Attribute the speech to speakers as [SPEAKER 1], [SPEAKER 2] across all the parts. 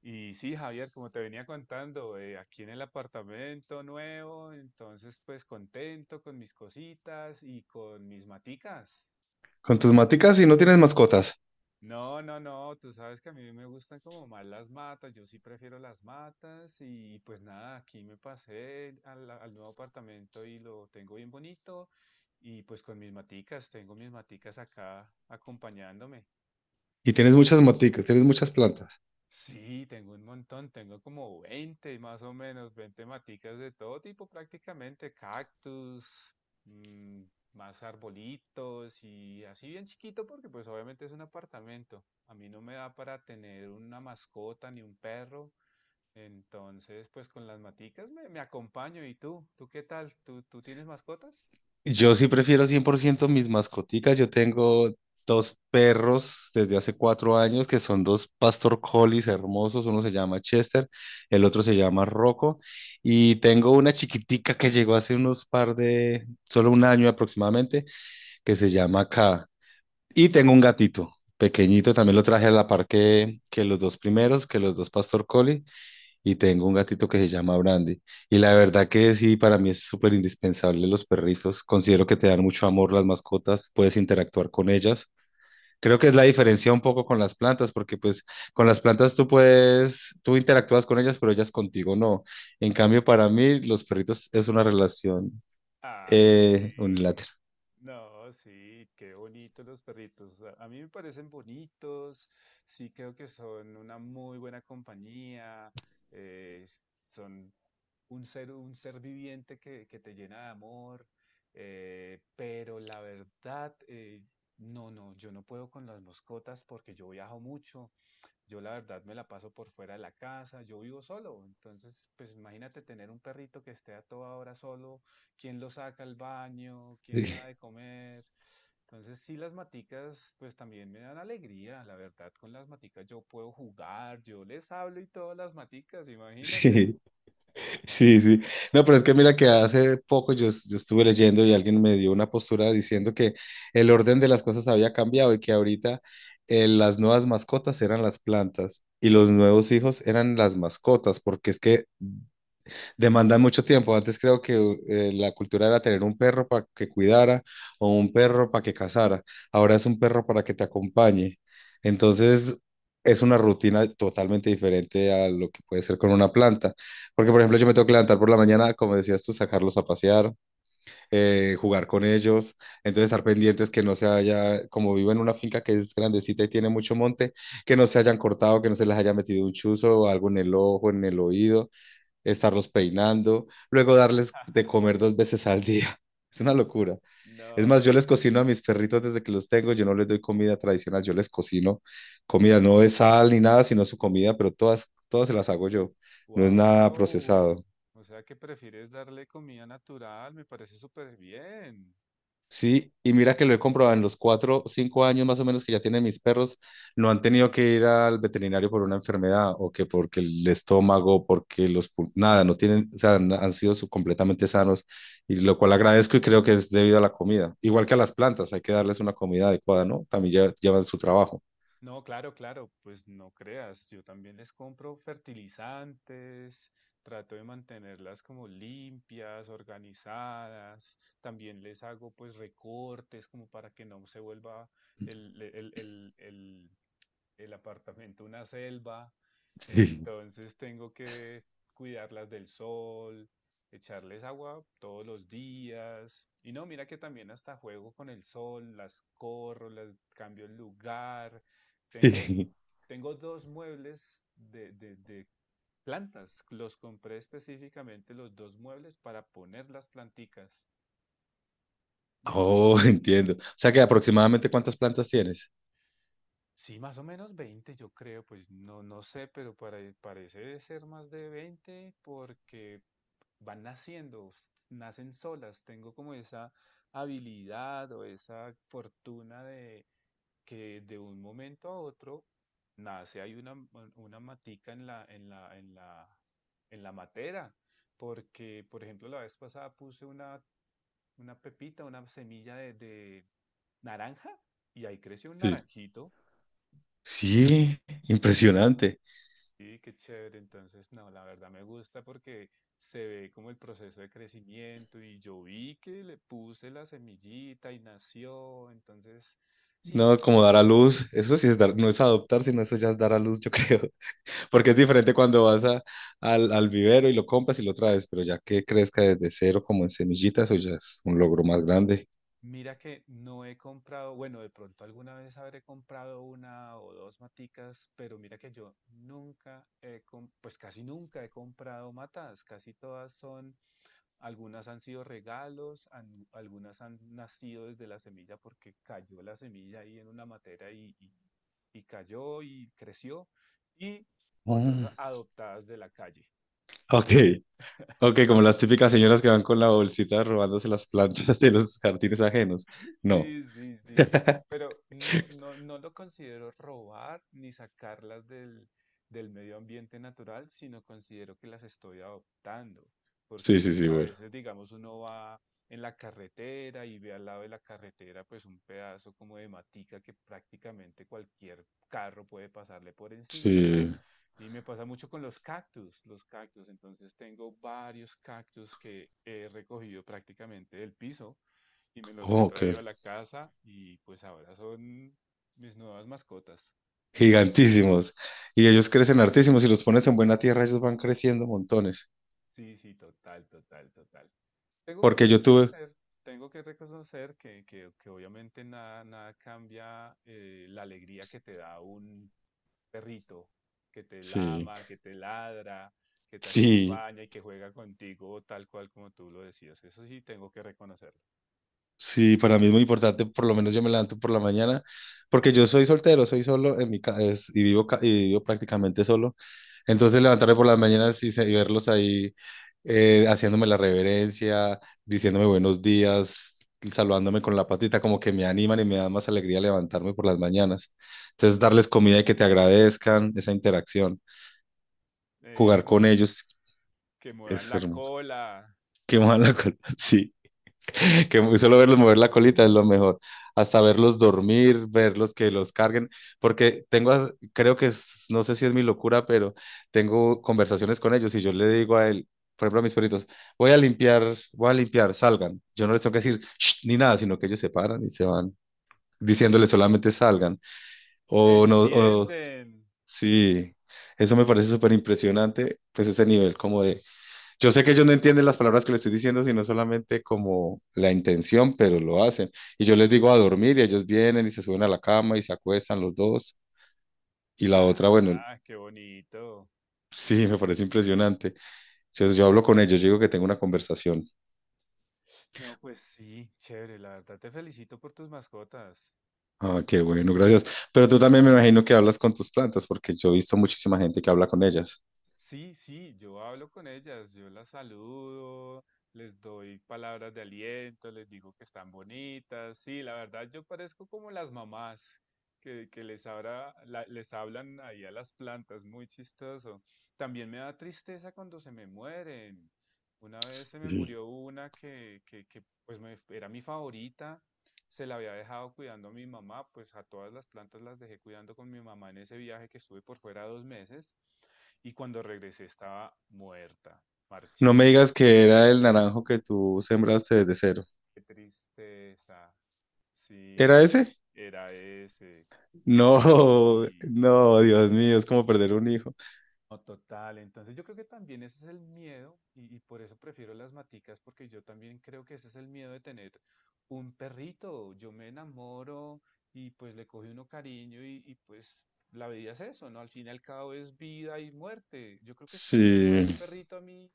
[SPEAKER 1] Y sí, Javier, como te venía contando, aquí en el apartamento nuevo, entonces pues contento con mis cositas y con mis maticas.
[SPEAKER 2] Con tus maticas, si no tienes mascotas
[SPEAKER 1] No, no, no, tú sabes que a mí me gustan como más las matas, yo sí prefiero las matas y pues nada, aquí me pasé al nuevo apartamento y lo tengo bien bonito y pues con mis maticas, tengo mis maticas acá acompañándome.
[SPEAKER 2] y tienes muchas maticas, tienes muchas plantas.
[SPEAKER 1] Sí, tengo un montón, tengo como 20 más o menos, 20 maticas de todo tipo prácticamente, cactus, mm, más arbolitos y así bien chiquito porque pues obviamente es un apartamento. A mí no me da para tener una mascota ni un perro, entonces pues con las maticas me acompaño. ¿Y tú? ¿Tú qué tal? ¿Tú tienes mascotas?
[SPEAKER 2] Yo sí prefiero 100% mis mascoticas. Yo tengo dos perros desde hace 4 años que son dos pastor collies hermosos. Uno se llama Chester, el otro se llama Rocco. Y tengo una chiquitica que llegó hace unos par de, solo 1 año aproximadamente, que se llama K. Y tengo un gatito. Pequeñito, también lo traje a la par que los dos primeros, que los dos pastor collie. Y tengo un gatito que se llama Brandy. Y la verdad que sí, para mí es súper indispensable los perritos. Considero que te dan mucho amor las mascotas, puedes interactuar con ellas. Creo que es la diferencia un poco con las plantas, porque pues con las plantas tú puedes, tú interactúas con ellas, pero ellas contigo no. En cambio, para mí los perritos es una relación
[SPEAKER 1] Ay, sí.
[SPEAKER 2] unilateral.
[SPEAKER 1] No, sí, qué bonitos los perritos. A mí me parecen bonitos, sí creo que son una muy buena compañía, eh, s- son un ser viviente que te llena de amor, pero la verdad, no, no, yo no puedo con las mascotas porque yo viajo mucho. Yo la verdad me la paso por fuera de la casa, yo vivo solo, entonces pues imagínate tener un perrito que esté a toda hora solo, quién lo saca al baño, quién
[SPEAKER 2] Sí,
[SPEAKER 1] le da de comer. Entonces sí, las maticas pues también me dan alegría, la verdad, con las maticas yo puedo jugar, yo les hablo y todas las maticas, imagínate.
[SPEAKER 2] sí. Sí, sí. No, pero es que mira que hace poco yo, yo estuve leyendo y alguien me dio una postura diciendo que el orden de las cosas había cambiado y que ahorita, las nuevas mascotas eran las plantas y los nuevos hijos eran las mascotas, porque es que demandan mucho tiempo. Antes creo que la cultura era tener un perro para que cuidara o un perro para que cazara. Ahora es un perro para que te acompañe. Entonces es una rutina totalmente diferente a lo que puede ser con una planta. Porque, por ejemplo, yo me tengo que levantar por la mañana, como decías tú, sacarlos a pasear, jugar con ellos. Entonces estar pendientes que no se haya, como vivo en una finca que es grandecita y tiene mucho monte, que no se hayan cortado, que no se les haya metido un chuzo o algo en el ojo, en el oído, estarlos peinando, luego darles de comer dos veces al día. Es una locura. Es más, yo
[SPEAKER 1] No,
[SPEAKER 2] les cocino a mis perritos desde que los tengo, yo no les doy comida tradicional, yo les cocino comida, no de sal ni nada, sino su comida, pero todas se las hago yo. No es nada
[SPEAKER 1] wow.
[SPEAKER 2] procesado.
[SPEAKER 1] O sea que prefieres darle comida natural, me parece súper bien.
[SPEAKER 2] Sí, y mira que lo he comprobado en los 4, 5 años más o menos que ya tienen mis perros, no han tenido que ir al veterinario por una enfermedad o que porque el estómago, porque los, nada, no tienen, o sea, han sido completamente sanos, y lo cual agradezco y creo que es debido a la comida. Igual que a las plantas, hay que darles una comida adecuada, ¿no? También llevan su trabajo.
[SPEAKER 1] No, claro, claro, pues no creas, yo también les compro fertilizantes, trato de mantenerlas como limpias, organizadas, también les hago pues recortes como para que no se vuelva el, el, el, el- el apartamento una selva,
[SPEAKER 2] Sí,
[SPEAKER 1] entonces tengo que cuidarlas del sol, echarles agua todos los días. Y no, mira que también hasta juego con el sol, las corro, las cambio el lugar. Tengo,
[SPEAKER 2] sí.
[SPEAKER 1] tengo dos muebles de plantas. Los compré específicamente los dos muebles para poner las planticas.
[SPEAKER 2] Oh, entiendo. O sea que aproximadamente, ¿cuántas plantas tienes?
[SPEAKER 1] Sí, más o menos 20, yo creo, pues no, no sé, pero para- parece de ser más de 20 porque van naciendo, s- nacen solas. Tengo como esa habilidad o esa fortuna de que de un momento a otro nace, hay una matica en la matera. Porque, por ejemplo, la vez pasada puse una pepita, una semilla de naranja y ahí creció un
[SPEAKER 2] Sí.
[SPEAKER 1] naranjito.
[SPEAKER 2] Sí, impresionante.
[SPEAKER 1] Sí, qué chévere. Entonces, no, la verdad me gusta porque se ve como el proceso de crecimiento y yo vi que le puse la semillita y nació. Entonces, sí, la
[SPEAKER 2] No, como
[SPEAKER 1] verdad
[SPEAKER 2] dar
[SPEAKER 1] me
[SPEAKER 2] a
[SPEAKER 1] gusta.
[SPEAKER 2] luz, eso sí es dar, no es adoptar, sino eso ya es dar a luz, yo creo, porque es diferente cuando vas a, al vivero y lo compras y lo traes, pero ya que crezca desde cero como en semillitas, eso ya es un logro más grande.
[SPEAKER 1] Mira que no he comprado, bueno, de pronto alguna vez habré comprado una o dos maticas, pero mira que yo nunca he, pues casi nunca he comprado matas. Casi todas son. Algunas han sido regalos, algunas han nacido desde la semilla porque cayó la semilla ahí en una materia y cayó y creció, y otras
[SPEAKER 2] Mm.
[SPEAKER 1] adoptadas de la calle.
[SPEAKER 2] Ok, ok, como las típicas señoras que van con la bolsita robándose las plantas de los jardines ajenos. No,
[SPEAKER 1] Sí, sí, sí, pero no, no, no lo considero robar ni sacarlas del medio ambiente natural, sino considero que las estoy adoptando, porque
[SPEAKER 2] sí, sí,
[SPEAKER 1] pues
[SPEAKER 2] sí,
[SPEAKER 1] a
[SPEAKER 2] bueno.
[SPEAKER 1] veces, digamos, uno va en la carretera y ve al lado de la carretera pues un pedazo como de matica que prácticamente cualquier carro puede pasarle por encima,
[SPEAKER 2] Sí,
[SPEAKER 1] y me pasa mucho con los cactus, entonces tengo varios cactus que he recogido prácticamente del piso y me los he
[SPEAKER 2] oh, ok,
[SPEAKER 1] traído a la casa y pues ahora son mis nuevas mascotas.
[SPEAKER 2] gigantísimos. Y ellos crecen hartísimos, y los pones en buena tierra, ellos van creciendo montones,
[SPEAKER 1] Sí, sí, total, total, total. Tengo que
[SPEAKER 2] porque yo tuve...
[SPEAKER 1] reconocer, tengo que reconocer que obviamente nada, nada cambia, la alegría que te da un perrito, que te
[SPEAKER 2] Sí.
[SPEAKER 1] lama, que te ladra, que te
[SPEAKER 2] Sí,
[SPEAKER 1] acompaña y que juega contigo tal cual como tú lo decías. Eso sí, tengo que reconocerlo.
[SPEAKER 2] sí, para mí es muy importante, por lo menos yo me levanto por la mañana, porque yo soy soltero, soy solo en mi y vivo y vivo prácticamente solo. Entonces levantarme por las mañanas y, y verlos ahí, haciéndome la reverencia, diciéndome buenos días, saludándome con la patita, como que me animan y me dan más alegría levantarme por las mañanas. Entonces darles comida y que te agradezcan, esa interacción,
[SPEAKER 1] Eh,
[SPEAKER 2] jugar con
[SPEAKER 1] mo-
[SPEAKER 2] ellos
[SPEAKER 1] que muevan
[SPEAKER 2] es
[SPEAKER 1] la
[SPEAKER 2] hermoso.
[SPEAKER 1] cola,
[SPEAKER 2] Qué mala cosa. Sí. que muy solo verlos mover la colita es lo mejor. Hasta verlos dormir, verlos que los carguen, porque tengo, creo que no sé si es mi locura, pero tengo conversaciones con ellos y yo le digo a él, por ejemplo, a mis perritos, voy a limpiar, salgan. Yo no les tengo que decir "Shh", ni nada, sino que ellos se paran y se van
[SPEAKER 1] en-
[SPEAKER 2] diciéndoles solamente salgan. O no, o
[SPEAKER 1] entienden.
[SPEAKER 2] sí, eso me parece súper impresionante, pues ese nivel como de, yo sé que ellos no entienden las palabras que les estoy diciendo, sino solamente como la intención, pero lo hacen. Y yo les digo a dormir y ellos vienen y se suben a la cama y se acuestan los dos. Y la otra, bueno,
[SPEAKER 1] Ah, qué bonito.
[SPEAKER 2] sí, me parece impresionante. Entonces yo hablo con ellos, yo digo que tengo una conversación.
[SPEAKER 1] No, pues sí, chévere, la verdad te felicito por tus mascotas.
[SPEAKER 2] Ah, qué bueno, gracias. Pero tú también me imagino que hablas con tus plantas, porque yo he visto muchísima gente que habla con ellas.
[SPEAKER 1] Sí, sí, yo hablo con ellas, yo las saludo, les doy palabras de aliento, les digo que están bonitas. Sí, la verdad yo parezco como las mamás que les hablan ahí a las plantas, muy chistoso. También me da tristeza cuando se me mueren. Una vez se me
[SPEAKER 2] Sí.
[SPEAKER 1] murió una que pues era mi favorita, se la había dejado cuidando a mi mamá, pues a todas las plantas las dejé cuidando con mi mamá en ese viaje que estuve por fuera dos meses. Y cuando regresé estaba muerta,
[SPEAKER 2] No me
[SPEAKER 1] marchita.
[SPEAKER 2] digas que era el naranjo que tú sembraste desde cero.
[SPEAKER 1] Qué tristeza.
[SPEAKER 2] ¿Era
[SPEAKER 1] Sí,
[SPEAKER 2] ese?
[SPEAKER 1] era ese.
[SPEAKER 2] No,
[SPEAKER 1] Sí.
[SPEAKER 2] no, Dios mío, es como perder un hijo.
[SPEAKER 1] No, total. Entonces yo creo que también ese es el miedo y por eso prefiero las maticas porque yo también creo que ese es el miedo de tener un perrito. Yo me enamoro y pues le coge uno cariño y, pues la vida es eso, ¿no? Al fin y al cabo es vida y muerte. Yo creo que si se me muere un
[SPEAKER 2] Sí.
[SPEAKER 1] perrito a mí,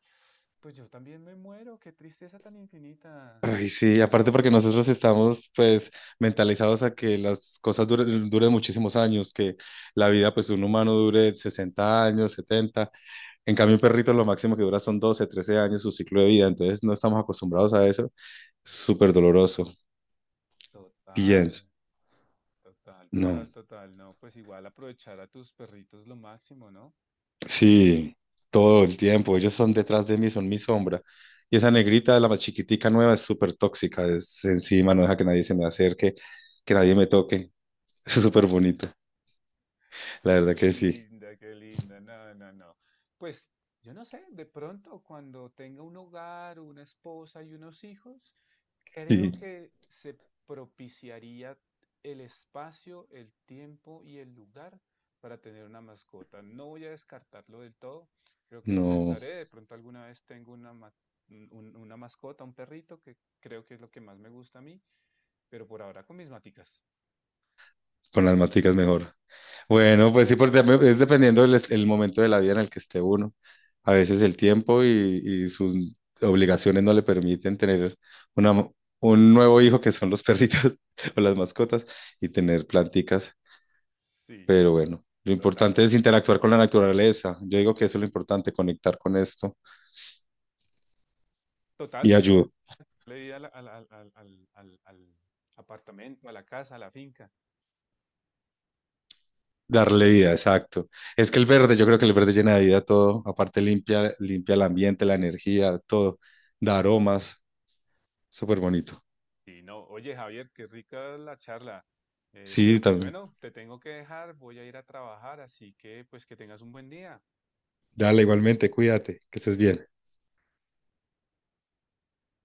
[SPEAKER 1] pues yo también me muero. Qué tristeza tan infinita.
[SPEAKER 2] Ay, sí, aparte porque nosotros estamos pues mentalizados a que las cosas duren, duren muchísimos años, que la vida pues de un humano dure 60 años, 70. En cambio un perrito lo máximo que dura son 12, 13 años su ciclo de vida, entonces no estamos acostumbrados a eso, súper doloroso,
[SPEAKER 1] Total,
[SPEAKER 2] pienso,
[SPEAKER 1] total,
[SPEAKER 2] no,
[SPEAKER 1] total, total. No, pues igual aprovechar a tus perritos lo máximo, ¿no?
[SPEAKER 2] sí, todo el tiempo, ellos son detrás de mí, son mi sombra, y esa negrita, la más chiquitica nueva, es súper tóxica, es encima, no deja que nadie se me acerque, que nadie me toque, es súper bonito, la
[SPEAKER 1] Qué
[SPEAKER 2] verdad que sí.
[SPEAKER 1] linda, qué linda. No, no, no. Pues yo no sé, de pronto cuando tenga un hogar, una esposa y unos hijos, creo
[SPEAKER 2] Sí,
[SPEAKER 1] que se propiciaría el espacio, el tiempo y el lugar para tener una mascota. No voy a descartarlo del todo, creo que lo
[SPEAKER 2] no,
[SPEAKER 1] pensaré. De pronto alguna vez tengo una mascota, un perrito, que creo que es lo que más me gusta a mí, pero por ahora con mis maticas.
[SPEAKER 2] con las maticas mejor. Bueno, pues sí, porque también es dependiendo el momento de la vida en el que esté uno. A veces el tiempo y sus obligaciones no le permiten tener una, un nuevo hijo que son los perritos o las mascotas y tener planticas.
[SPEAKER 1] Sí,
[SPEAKER 2] Pero
[SPEAKER 1] no,
[SPEAKER 2] bueno, lo
[SPEAKER 1] total.
[SPEAKER 2] importante es interactuar con la naturaleza. Yo digo que eso es lo importante, conectar con esto y
[SPEAKER 1] Total,
[SPEAKER 2] ayudar.
[SPEAKER 1] le di al apartamento, a la casa, a la finca.
[SPEAKER 2] Darle vida, exacto. Es que el verde, yo creo que el verde llena de vida todo, aparte limpia, limpia el ambiente, la energía, todo, da aromas, súper bonito.
[SPEAKER 1] Y no, oye Javier, qué rica la charla.
[SPEAKER 2] Sí,
[SPEAKER 1] Pero pues
[SPEAKER 2] también.
[SPEAKER 1] bueno, te tengo que dejar, voy a ir a trabajar, así que pues que tengas un buen día.
[SPEAKER 2] Dale igualmente, cuídate, que estés bien.